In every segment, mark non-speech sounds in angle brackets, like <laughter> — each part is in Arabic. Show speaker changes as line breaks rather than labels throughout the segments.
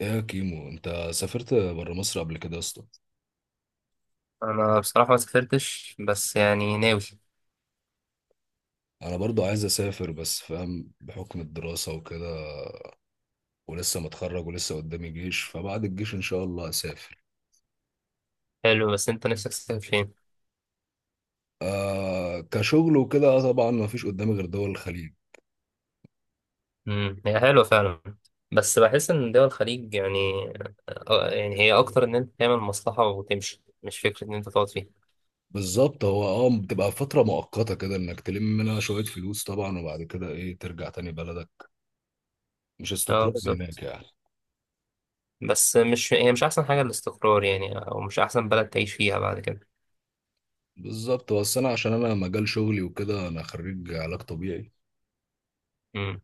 ايه يا كيمو، انت سافرت بره مصر قبل كده يا اسطى؟
انا بصراحه ما سافرتش، بس يعني ناوي.
انا برضو عايز اسافر، بس فاهم بحكم الدراسة وكده. ولسه متخرج ولسه قدامي جيش، فبعد الجيش ان شاء الله اسافر.
حلو، بس انت نفسك تسافر فين؟
آه، كشغل وكده. آه طبعا ما فيش قدامي غير دول الخليج.
هي حلوه فعلا. بس بحس ان دول الخليج يعني، يعني هي اكتر ان انت تعمل مصلحه وتمشي، مش فكره ان انت تقعد فيها.
بالظبط، هو بتبقى فترة مؤقتة كده انك تلم منها شوية فلوس طبعا، وبعد كده ايه، ترجع تاني بلدك. مش
اه،
استقرار هناك
بالظبط.
يعني.
بس مش، هي مش احسن حاجه الاستقرار يعني، او مش احسن بلد تعيش فيها بعد كده.
بالظبط، بس انا عشان انا مجال شغلي وكده، انا خريج علاج طبيعي.
امم.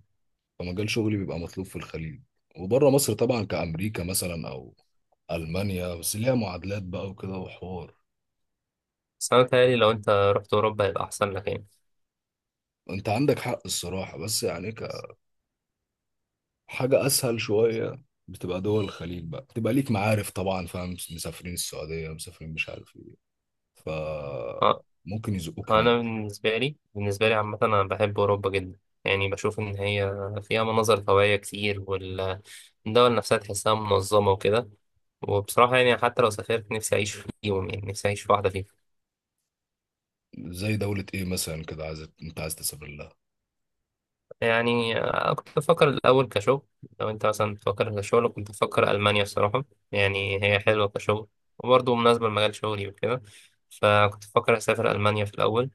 فمجال شغلي بيبقى مطلوب في الخليج وبره مصر طبعا، كأمريكا مثلا أو ألمانيا، بس ليها معادلات بقى وكده وحوار.
بس انا متهيألي لو انت رحت اوروبا هيبقى احسن لك يعني.
أنت عندك حق الصراحة، بس يعني كحاجة أسهل شوية. بتبقى دول الخليج بقى بتبقى ليك معارف طبعا، فاهم؟ مسافرين السعودية، مسافرين مش عارف إيه، ف
اه.
ممكن يزقوك هناك.
انا بالنسبه لي عامه انا بحب اوروبا جدا. يعني بشوف ان هي فيها مناظر طبيعيه كتير، والدول نفسها تحسها منظمه وكده. وبصراحه يعني حتى لو سافرت نفسي اعيش فيهم، يعني نفسي اعيش في واحده فيهم.
زي دولة إيه مثلا كده عايز، أنت عايز تسافر لها؟
يعني كنت بفكر الاول كشغل، لو انت مثلا بتفكر كشغل كنت بفكر المانيا الصراحه. يعني هي حلوه كشغل، وبرضه مناسبه لمجال شغلي وكده، فكنت بفكر اسافر المانيا في الاول.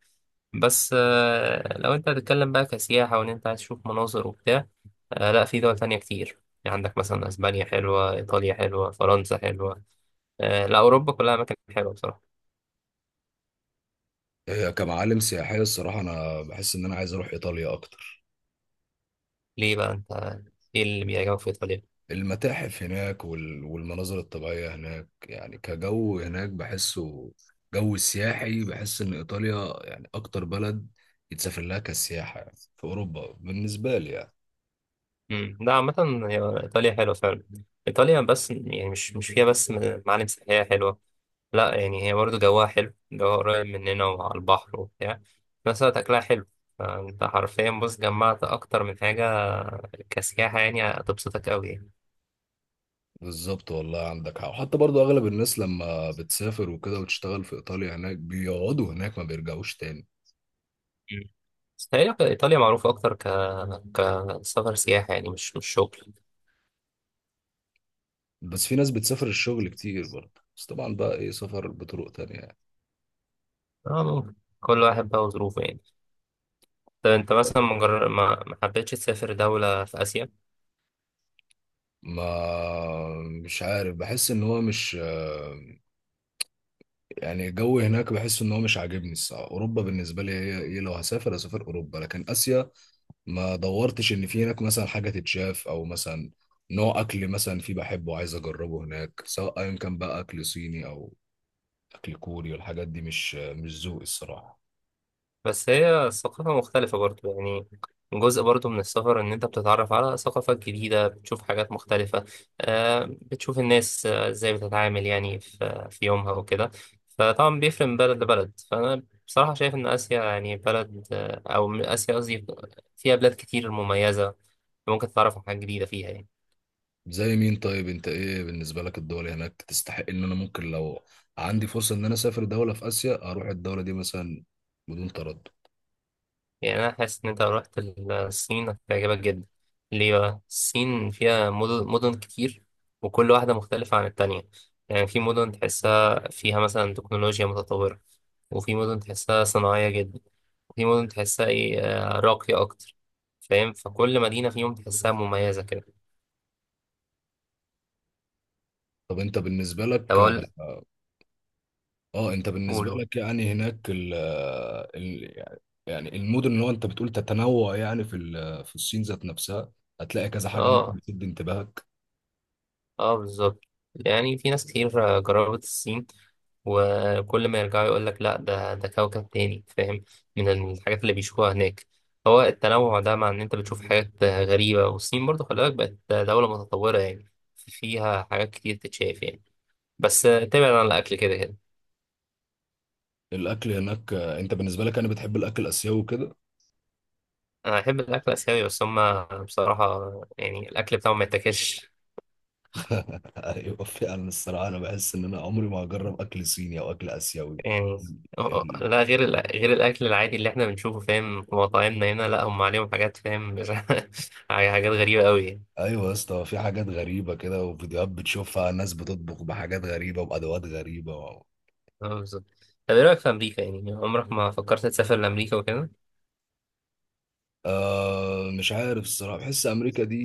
بس لو انت هتتكلم بقى كسياحة وان انت عايز تشوف مناظر وبتاع، لا، في دول تانية كتير، يعني عندك مثلا اسبانيا حلوة، ايطاليا حلوة، فرنسا حلوة. لا، اوروبا كلها اماكن حلوة بصراحة.
هي كمعالم سياحية الصراحة أنا بحس إن أنا عايز أروح إيطاليا أكتر.
ليه بقى انت؟ ايه اللي بيعجبك في ايطاليا؟
المتاحف هناك والمناظر الطبيعية هناك، يعني كجو هناك بحسه جو السياحي. بحس إن إيطاليا يعني أكتر بلد يتسافر لها كسياحة يعني في أوروبا بالنسبة لي يعني.
امم، لا، عامة هي ايطاليا حلوة فعلا. ايطاليا، بس يعني مش فيها بس معالم سياحية حلوة. لا يعني هي برضه جواها حلو، جواها قريب مننا وعلى البحر وبتاع، في نفس الوقت اكلها حلو، فانت حرفيا بص جمعت اكتر من حاجة كسياحة، يعني هتبسطك قوي يعني.
بالظبط والله، عندك حق. وحتى برضو أغلب الناس لما بتسافر وكده وتشتغل في إيطاليا هناك بيقعدوا هناك ما بيرجعوش تاني.
بس تقريبا إيطاليا معروفة أكتر كسفر سياحة، يعني مش شغل.
بس في ناس بتسافر الشغل كتير برضه، بس طبعا بقى إيه، سفر بطرق تانية يعني.
آه، ممكن. كل واحد بقى وظروفه يعني. طب أنت مثلا ما جر- ما ما حبيتش تسافر دولة في آسيا؟
ما مش عارف، بحس إن هو مش، يعني الجو هناك بحس ان هو مش عاجبني الصراحه. اوروبا بالنسبه لي هي ايه، لو هسافر اسافر اوروبا، لكن اسيا ما دورتش ان في هناك مثلا حاجه تتشاف، او مثلا نوع اكل مثلا في بحبه عايز اجربه هناك، سواء ايا كان بقى اكل صيني او اكل كوري. والحاجات دي مش ذوقي الصراحه.
بس هي ثقافة مختلفة برضو يعني، جزء برضو من السفر إن أنت بتتعرف على ثقافات جديدة، بتشوف حاجات مختلفة. بتشوف الناس إزاي بتتعامل يعني في يومها وكده. فطبعا بيفرق من بلد لبلد، فأنا بصراحة شايف إن آسيا يعني بلد، أو آسيا قصدي، فيها بلاد كتير مميزة، ممكن تتعرف على حاجات جديدة فيها يعني.
زي مين طيب؟ انت ايه بالنسبه لك الدول هناك تستحق ان انا ممكن لو عندي فرصه ان انا اسافر دوله في اسيا اروح الدوله دي مثلا بدون تردد؟
يعني أنا حاسس إن أنت لو رحت الصين هتعجبك جدا. ليه بقى؟ الصين فيها مدن مدن كتير، وكل واحدة مختلفة عن التانية. يعني في مدن تحسها فيها مثلا تكنولوجيا متطورة، وفي مدن تحسها صناعية جدا، وفي مدن تحسها إيه، راقية أكتر. فاهم؟ فكل مدينة فيهم تحسها مميزة كده.
طب انت بالنسبه
طب
لك،
أقول.
اه انت بالنسبه
قولوا.
لك يعني هناك ال يعني المدن اللي هو انت بتقول تتنوع يعني في في الصين ذات نفسها هتلاقي كذا حاجه ممكن
آه.
بتشد انتباهك.
اه، بالظبط، يعني في ناس كتير جربت الصين، وكل ما يرجعوا يقول لك لا، ده كوكب تاني، فاهم، من الحاجات اللي بيشوفوها هناك. هو التنوع ده، مع ان انت بتشوف حاجات غريبة، والصين برضو خلي بالك بقت دولة متطورة يعني، فيها حاجات كتير تتشاف يعني. بس ابتعد عن الاكل كده كده.
الاكل هناك آه، انت بالنسبه لك انا بتحب الاكل الاسيوي وكده؟
انا بحب الاكل الاسيوي، بس هما بصراحة يعني الاكل بتاعهم ما يتاكلش.
<laughs> ايوه فعلا الصراحه، انا بحس ان انا عمري ما هجرب اكل صيني او اكل اسيوي.
يعني
ال...
لا، غير الاكل العادي اللي احنا بنشوفه فاهم في مطاعمنا هنا، لا هم عليهم حاجات، فاهم <laughs> حاجات غريبه قوي يعني.
ايوه يا اسطى، في حاجات غريبه كده، وفيديوهات بتشوفها ناس بتطبخ بحاجات غريبه وبادوات غريبه
اه، بالظبط. طب ايه رايك في امريكا؟ يعني عمرك ما فكرت تسافر لامريكا وكده؟
آه مش عارف الصراحه، بحس امريكا دي،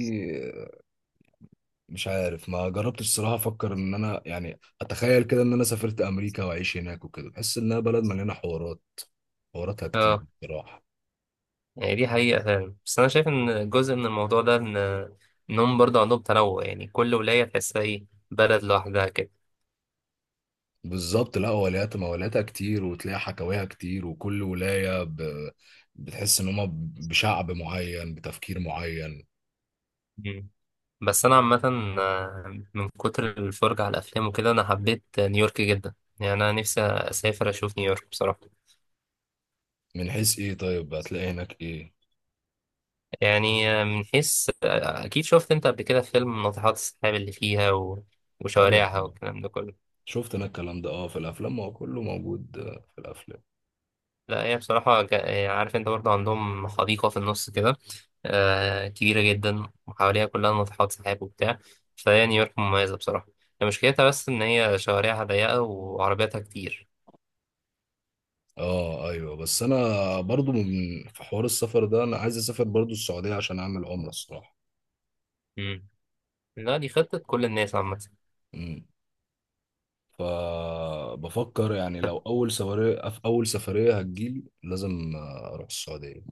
مش عارف ما جربتش الصراحه. افكر ان انا يعني، اتخيل كده ان انا سافرت امريكا واعيش هناك وكده، بحس انها بلد مليانه حوارات. حواراتها كتير
اه،
بصراحه.
يعني دي حقيقه فعلا، بس انا شايف ان جزء من الموضوع ده ان انهم برضه عندهم تنوع، يعني كل ولايه تحسها ايه، بلد لوحدها كده.
بالظبط، لا ولايات مولاتها كتير وتلاقي حكاويها كتير، وكل ولايه بتحس ان هما بشعب معين بتفكير معين.
مم. بس انا عامه، من كتر الفرجه على الافلام وكده انا حبيت نيويورك جدا. يعني انا نفسي اسافر اشوف نيويورك بصراحه.
من حيث ايه طيب؟ هتلاقي هناك ايه؟
يعني من حيث أكيد شفت أنت قبل كده فيلم ناطحات السحاب اللي فيها
ايوه
وشوارعها
طبعاً.
والكلام ده كله.
شفت انا الكلام ده، في الافلام ما هو كله موجود آه، في الافلام.
لا هي بصراحة عارف، أنت برضه عندهم حديقة في النص كده، كبيرة جدا، وحواليها كلها ناطحات سحاب وبتاع. فهي نيويورك مميزة بصراحة. هي مشكلتها بس إن هي شوارعها ضيقة وعربياتها كتير.
اه ايوه، بس انا برضو من، في حوار السفر ده انا عايز اسافر برضو السعوديه عشان اعمل عمره الصراحه.
مم. لا دي خطة كل الناس عامة.
امم، فبفكر يعني لو اول سفريه، في اول سفريه هتجيلي لازم اروح السعوديه.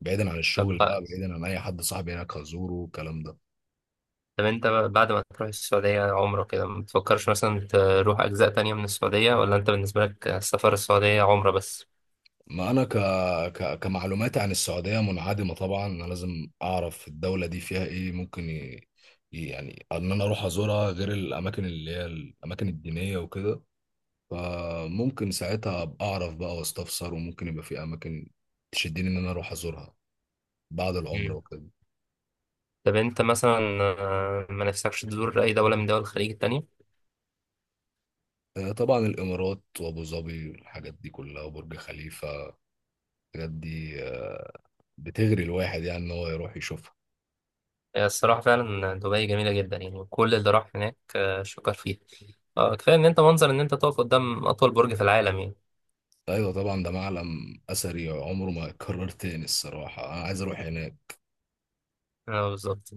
بعيدا عن
طب
الشغل بقى،
بقى
بعيدا عن اي حد صاحبي هناك هزوره والكلام ده.
طب انت بقى بعد ما تروح السعودية عمرة كده، ما تفكرش مثلا تروح أجزاء تانية من السعودية؟ ولا انت بالنسبة لك السفر السعودية عمرة بس؟
ما انا ك... ك... كمعلوماتي عن السعوديه منعدمه طبعا. انا لازم اعرف الدوله دي فيها ايه، ممكن يعني ان انا اروح ازورها غير الاماكن اللي هي الاماكن الدينيه وكده. فممكن ساعتها ابقى اعرف بقى واستفسر، وممكن يبقى في اماكن تشدني ان انا اروح ازورها بعد العمره
مم.
وكده.
طب انت مثلا ما نفسكش تزور أي دولة من دول الخليج التانية؟
آه، طبعا الامارات وابو ظبي والحاجات دي كلها وبرج خليفه. الحاجات دي آه، بتغري الواحد يعني ان هو يروح يشوفها.
الصراحة فعلا دبي جميلة جدا، يعني كل اللي راح هناك شكر فيها. كفاية ان انت منظر ان انت تقف قدام أطول برج في العالم يعني.
ايوه طبعا، ده معلم اثري عمره ما يتكرر تاني الصراحه. انا عايز اروح هناك.
اه، بالظبط.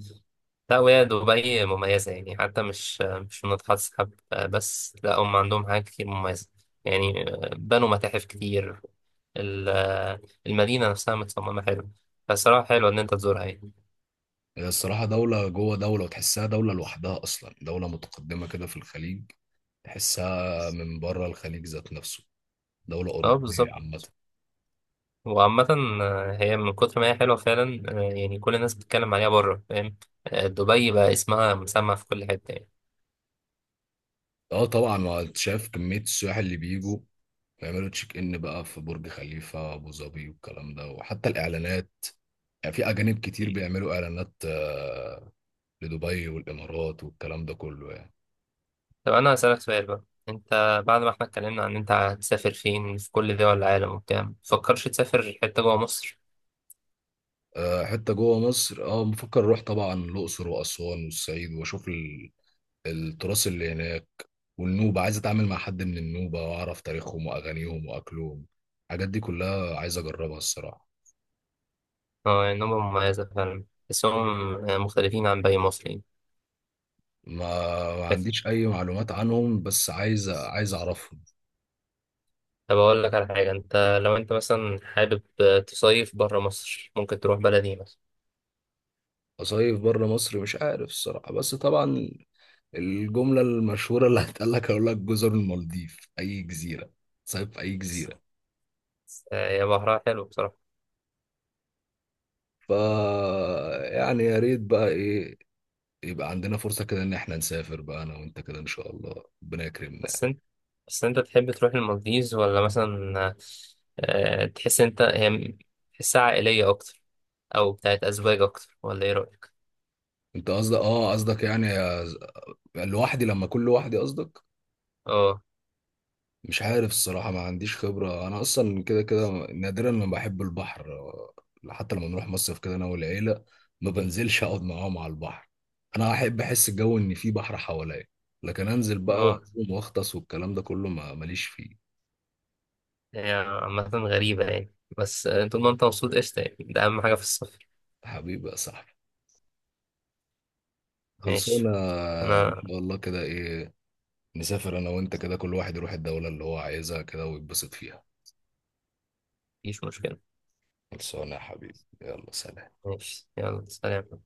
لا، وهي دبي مميزة، يعني حتى مش منطقة تسحب بس، لا هم عندهم حاجات كتير مميزة يعني. بنوا متاحف كتير. ال- المدينة نفسها متصممة حلو. فالصراحة حلوة إن أنت تزورها يعني.
هي الصراحه دوله جوه دوله، وتحسها دوله لوحدها اصلا، دوله متقدمه كده في الخليج. تحسها من بره الخليج ذات نفسه، دوله
اه،
اوروبيه عامه.
بالظبط. وعامة هي من كتر ما هي حلوة فعلا، يعني كل الناس بتتكلم عليها بره، فاهم، دبي بقى اسمها مسمع في كل حتة
اه طبعا، ما انت شايف كمية السياح اللي بيجوا بيعملوا تشيك ان بقى في برج خليفة، ابو ظبي والكلام ده. وحتى الاعلانات يعني في اجانب كتير
يعني.
بيعملوا اعلانات آه، لدبي والامارات والكلام ده كله يعني.
طب أنا هسألك سؤال بقى، أنت بعد ما احنا اتكلمنا عن أنت هتسافر فين في كل دول العالم وبتاع، مفكرش تسافر حتة جوه مصر؟
آه، حتى جوه مصر بفكر اروح طبعا الاقصر واسوان والصعيد، واشوف التراث اللي هناك. والنوبة، عايز اتعامل مع حد من النوبة واعرف تاريخهم واغانيهم واكلهم. الحاجات دي كلها عايز اجربها الصراحة.
اه، يعني نمرة مميزة فعلا، تحسهم مختلفين عن باقي المصريين.
ما ما
لكن،
عنديش اي معلومات عنهم، بس عايز، عايز اعرفهم.
طب أقول لك على حاجة، أنت لو أنت مثلا حابب تصيف برا مصر ممكن تروح بلدي مثلا.
أصيف بره مصر مش عارف الصراحة، بس طبعا الجملة المشهورة اللي هتقال لك هقول لك جزر المالديف، أي جزيرة صيف في أي جزيرة.
بس هي بحرها حلو بصراحة.
ف يعني يا ريت بقى إيه، يبقى عندنا فرصة كده إن إحنا نسافر بقى أنا وأنت كده إن شاء الله ربنا يكرمنا.
بس أنت بس أنت تحب تروح المالديز؟ ولا مثلا تحس أنت هي تحسها عائلية أكتر، أو بتاعت أزواج أكتر؟ ولا إيه رأيك؟
أنت قصدك، آه قصدك يعني لوحدي، لما أكون لوحدي قصدك؟
اه.
مش عارف الصراحة، ما عنديش خبرة. أنا أصلا كده كده نادرا ما بحب البحر. حتى لما نروح مصيف كده أنا والعيلة، ما بنزلش أقعد معاهم على البحر. أنا أحب أحس الجو إن في بحر حواليا، لكن أنزل بقى
اه،
وأقوم وأغطس والكلام ده كله ما ماليش فيه.
هي عامة غريبة يعني، بس طول ما أنت مبسوط قشطة يعني، ده أهم حاجة في السفر.
حبيبي يا صاحبي،
ماشي.
خلصونا. إن
أنا
شاء الله كده إيه، نسافر أنا وأنت كده، كل واحد يروح الدولة اللي هو عايزها كده ويتبسط فيها.
مفيش مشكلة.
خلصونا يا حبيبي، يلا سلام.
ماشي، يلا سلام.